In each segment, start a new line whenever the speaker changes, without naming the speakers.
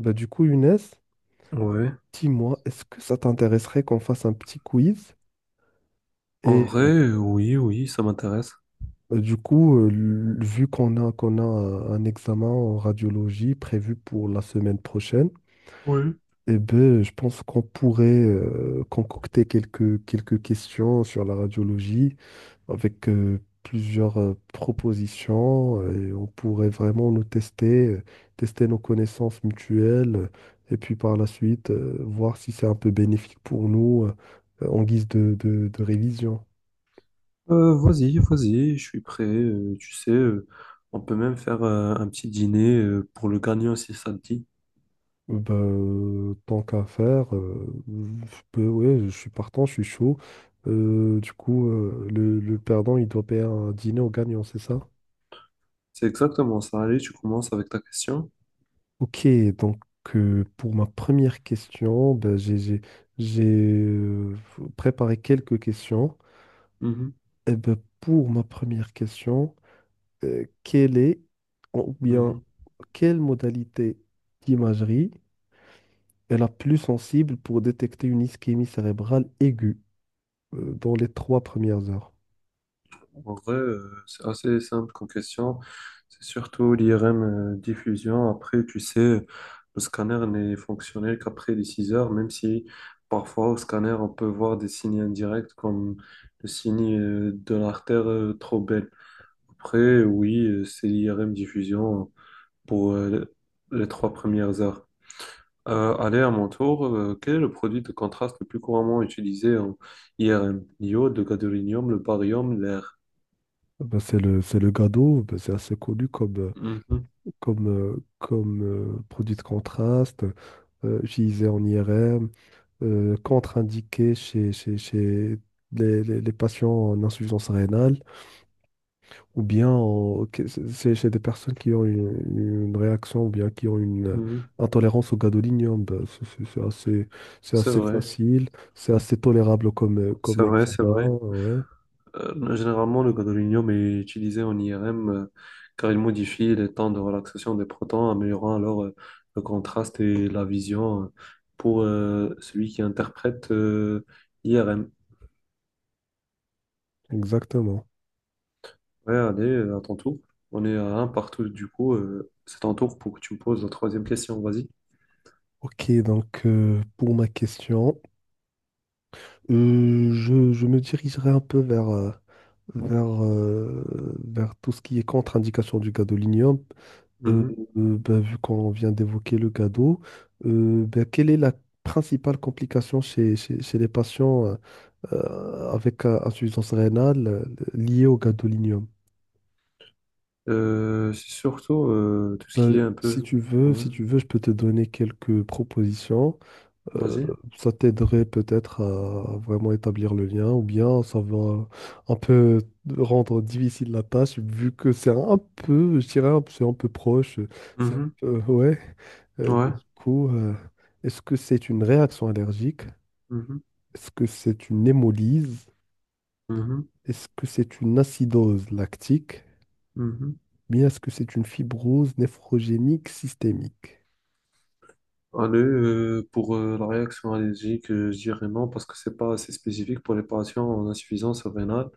Bah, du coup, Younes,
Ouais.
dis-moi, est-ce que ça t'intéresserait qu'on fasse un petit quiz?
En
Et
vrai, oui, oui, ça m'intéresse.
bah, du coup, vu qu'on a un examen en radiologie prévu pour la semaine prochaine,
Oui.
eh ben, je pense qu'on pourrait concocter quelques questions sur la radiologie avec plusieurs propositions et on pourrait vraiment nous tester nos connaissances mutuelles et puis par la suite voir si c'est un peu bénéfique pour nous en guise de révision.
Vas-y, je suis prêt. Tu sais, on peut même faire un petit dîner pour le gagnant si ça te dit.
Ben tant qu'à faire, ouais, je suis partant, je suis chaud. Du coup, le perdant, il doit payer un dîner au gagnant, c'est ça?
C'est exactement ça. Allez, tu commences avec ta question.
Ok, donc pour ma première question, ben, j'ai préparé quelques questions.
Mhm,
Et ben, pour ma première question, quelle est ou bien
mhm.
quelle modalité d'imagerie est la plus sensible pour détecter une ischémie cérébrale aiguë dans les trois premières heures?
En vrai, c'est assez simple comme question. C'est surtout l'IRM diffusion. Après, tu sais, le scanner n'est fonctionnel qu'après les 6 heures, même si parfois au scanner, on peut voir des signes indirects comme le signe de l'artère trop belle. Après, oui, c'est l'IRM diffusion pour les 3 premières heures. Allez, à mon tour, quel est le produit de contraste le plus couramment utilisé en IRM? L'iode, le gadolinium, le barium, l'air.
Eh ben, c'est le GADO, ben, c'est assez connu comme, euh,
Mhm.
comme, euh, comme euh, produit de contraste, utilisé en IRM, contre-indiqué chez les patients en insuffisance rénale, ou bien c'est chez des personnes qui ont une réaction, ou bien qui ont une
Mhm.
intolérance au gadolinium. Ben, c'est
C'est
assez
vrai,
facile, c'est assez tolérable
c'est
comme
vrai,
examen.
c'est vrai.
Ouais,
Généralement, le gadolinium est utilisé en IRM, car il modifie les temps de relaxation des protons, améliorant alors le contraste et la vision, pour celui qui interprète IRM.
exactement.
Ouais, allez, à ton tour. On est à un partout, du coup, c'est ton tour pour que tu me poses la troisième question, vas-y.
Ok, donc pour ma question, je me dirigerai un peu vers, euh, vers tout ce qui est contre-indication du gadolinium. Euh,
Mhm.
ben, vu qu'on vient d'évoquer le gado, ben, quelle est la principale complication chez les patients avec insuffisance rénale liée au gadolinium?
C'est surtout tout ce qui
Ben,
est un
si
peu...
tu veux,
Ouais,
si tu veux, je peux te donner quelques propositions. euh,
vas-y.
Ça t'aiderait peut-être à vraiment établir le lien, ou bien ça va un peu rendre difficile la tâche, vu que c'est un peu, je dirais, c'est un peu proche,
Mhm.
ouais.
Ouais.
Bah, du coup, est-ce que c'est une réaction allergique?
Mhm.
Est-ce que c'est une hémolyse?
Mhm,
Est-ce que c'est une acidose lactique?
mhm.
Bien, est-ce que c'est une fibrose nephrogénique systémique?
Allez, pour la réaction allergique, je dirais non parce que c'est pas assez spécifique pour les patients en insuffisance rénale.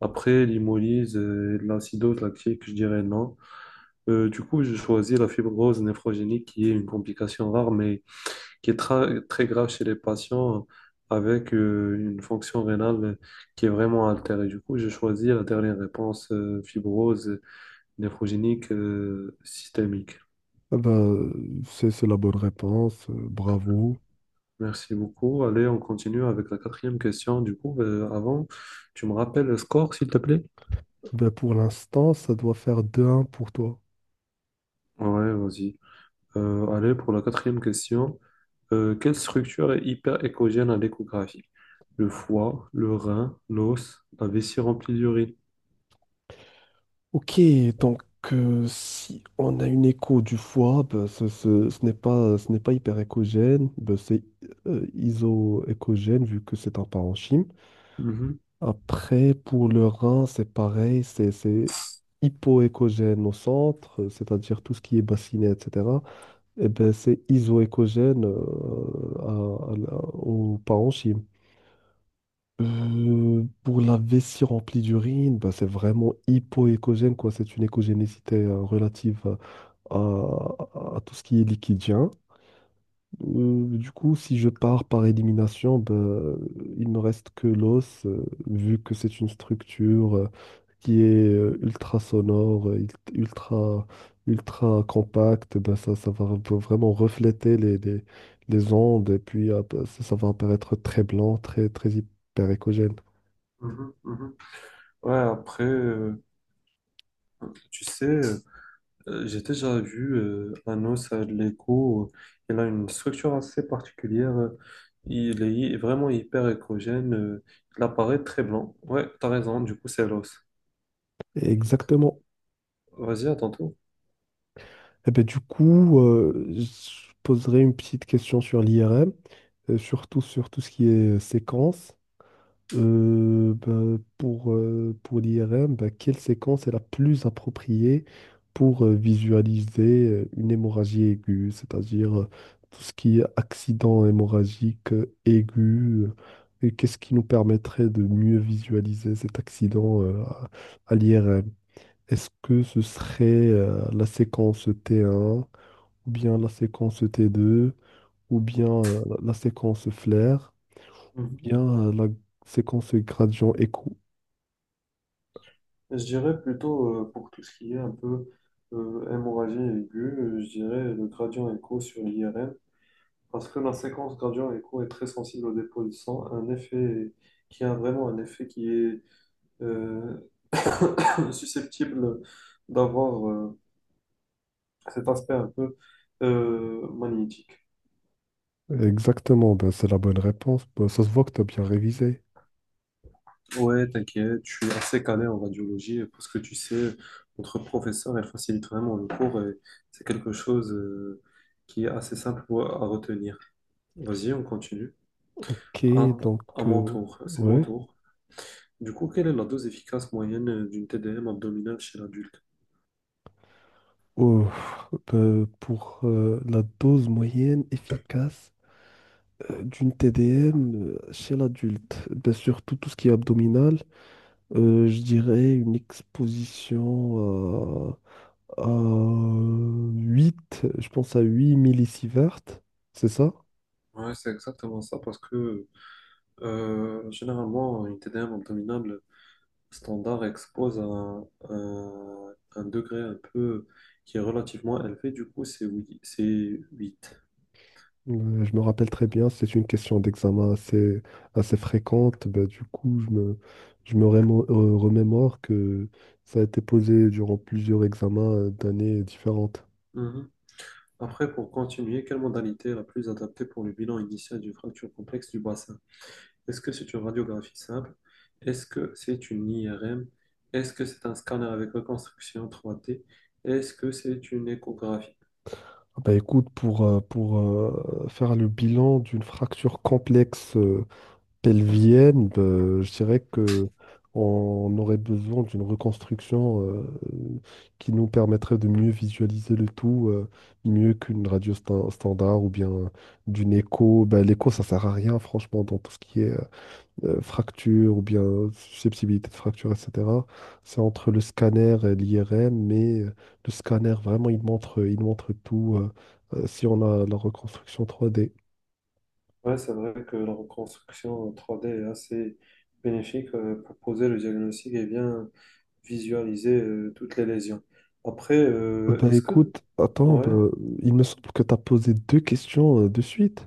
Après, l'hémolyse et de l'acidose lactique, je dirais non. Du coup, je choisis la fibrose néphrogénique qui est une complication rare mais qui est très grave chez les patients avec une fonction rénale qui est vraiment altérée. Du coup, je choisis la dernière réponse, fibrose néphrogénique systémique.
Ah bah, c'est la bonne réponse, bravo.
Merci beaucoup. Allez, on continue avec la quatrième question. Du coup, avant, tu me rappelles le score, s'il te plaît?
Ben, pour l'instant, ça doit faire deux 1 pour toi.
Ouais, vas-y. Allez, pour la quatrième question. Quelle structure est hyper écogène à l'échographie? Le foie, le rein, l'os, la vessie remplie d'urine.
Ok, donc si on a une écho du foie, ben, ce n'est pas hyperéchogène, ben, c'est isoéchogène vu que c'est un parenchyme.
Mhm,
Après, pour le rein, c'est pareil, c'est hypoéchogène au centre, c'est-à-dire tout ce qui est bassinet, etc. Et ben, c'est isoéchogène au parenchyme. Pour la vessie remplie d'urine, bah, c'est vraiment hypoécogène, quoi. C'est une écogénécité relative à tout ce qui est liquidien. Du coup, si je pars par élimination, bah, il me reste que l'os, vu que c'est une structure qui est ultra sonore, ultra compacte. Bah, ça va vraiment refléter les ondes et puis ça, ça, va apparaître très blanc, très, très hyper.
mhm, mhm. Ouais, après, tu sais. J'ai déjà vu un os à l'écho. Il a une structure assez particulière. Il est vraiment hyper échogène. Il apparaît très blanc. Ouais, t'as raison. Du coup, c'est l'os.
Exactement.
Vas-y, à tantôt.
Et ben, du coup, je poserai une petite question sur l'IRM, surtout sur tout ce qui est séquence. Ben, pour l'IRM, ben, quelle séquence est la plus appropriée pour visualiser une hémorragie aiguë, c'est-à-dire tout ce qui est accident hémorragique aigu, et qu'est-ce qui nous permettrait de mieux visualiser cet accident à l'IRM? Est-ce que ce serait la séquence T1, ou bien la séquence T2, ou bien la séquence flair, ou
Mhm.
bien la séquence gradient écho?
Je dirais plutôt, pour tout ce qui est un peu hémorragie aiguë, je dirais le gradient écho sur l'IRM parce que la séquence gradient écho est très sensible au dépôt de sang, un effet qui a vraiment un effet qui est euh, susceptible d'avoir cet aspect un peu magnétique.
Exactement, ben, c'est la bonne réponse. Ben, ça se voit que tu as bien révisé.
Ouais, t'inquiète, je suis assez calé en radiologie parce que tu sais, notre professeur, elle facilite vraiment le cours et c'est quelque chose qui est assez simple à retenir. Vas-y, on continue.
Ok,
À,
donc,
à mon
euh,
tour, c'est mon
ouais.
tour. Du coup, quelle est la dose efficace moyenne d'une TDM abdominale chez l'adulte?
Oh, ben, pour la dose moyenne efficace d'une TDM chez l'adulte, ben, surtout tout ce qui est abdominal, je dirais une exposition. 8, je pense à 8 millisieverts, c'est ça?
Ouais, c'est exactement ça parce que généralement, une TDM abdominale standard expose un degré un peu qui est relativement élevé, du coup c'est 8. C'est huit.
Je me rappelle très bien, c'est une question d'examen assez fréquente. Bah, du coup, je me remémore que ça a été posé durant plusieurs examens d'années différentes.
Mhm. Après, pour continuer, quelle modalité est la plus adaptée pour le bilan initial d'une fracture complexe du bassin? Est-ce que c'est une radiographie simple? Est-ce que c'est une IRM? Est-ce que c'est un scanner avec reconstruction 3D? Est-ce que c'est une échographie?
Ah bah, écoute, pour faire le bilan d'une fracture complexe pelvienne, ben, je dirais que on aurait besoin d'une reconstruction qui nous permettrait de mieux visualiser le tout, mieux qu'une radio standard ou bien d'une écho. Ben, l'écho, ça sert à rien, franchement, dans tout ce qui est fracture ou bien susceptibilité de fracture, etc. C'est entre le scanner et l'IRM, mais le scanner, vraiment, il montre tout si on a la reconstruction 3D.
Ouais, c'est vrai que la reconstruction 3D est assez bénéfique, pour poser le diagnostic et bien visualiser toutes les lésions. Après,
Bah
est-ce que...
écoute, attends,
Ouais,
bah, il me semble que tu as posé deux questions de suite.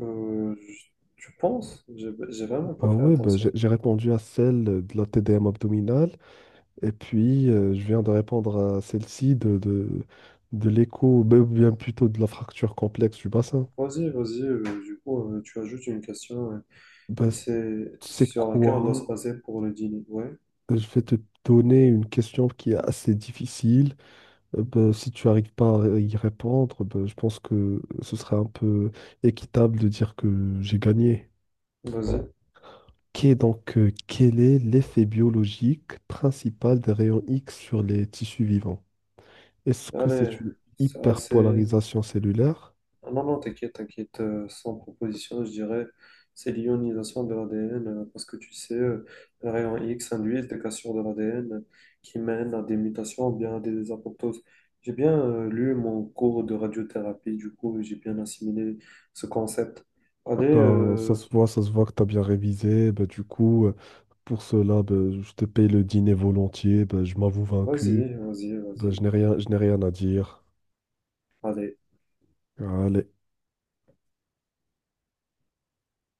euh, je- tu penses? J'ai vraiment pas
Bah
fait
ouais, bah, j'ai
attention.
j'ai répondu à celle de la TDM abdominale et puis je viens de répondre à celle-ci de l'écho, bah, ou bien plutôt de la fracture complexe du bassin.
Vas-y, vas-y, du coup, tu ajoutes une question
Bah,
et c'est
c'est
sur laquelle on doit se
quoi?
baser pour le dîner. Ouais,
Je vais te donner une question qui est assez difficile. Bah, si tu n'arrives pas à y répondre, bah, je pense que ce serait un peu équitable de dire que j'ai gagné.
vas-y.
Qu'est Donc, quel est l'effet biologique principal des rayons X sur les tissus vivants? Est-ce que c'est
Allez,
une
ça c'est...
hyperpolarisation cellulaire?
Ah non, non, t'inquiète, t'inquiète, sans proposition, je dirais, c'est l'ionisation de l'ADN, parce que tu sais, les rayons X induisent des cassures de l'ADN qui mènent à des mutations ou bien à des apoptoses. J'ai bien lu mon cours de radiothérapie, du coup, j'ai bien assimilé ce concept. Allez,
Ben, ça se voit que tu as bien révisé. Ben, du coup, pour cela, ben, je te paye le dîner volontiers. Ben, je m'avoue vaincu.
vas-y, vas-y,
Ben,
vas-y,
je n'ai rien à dire.
allez.
Allez.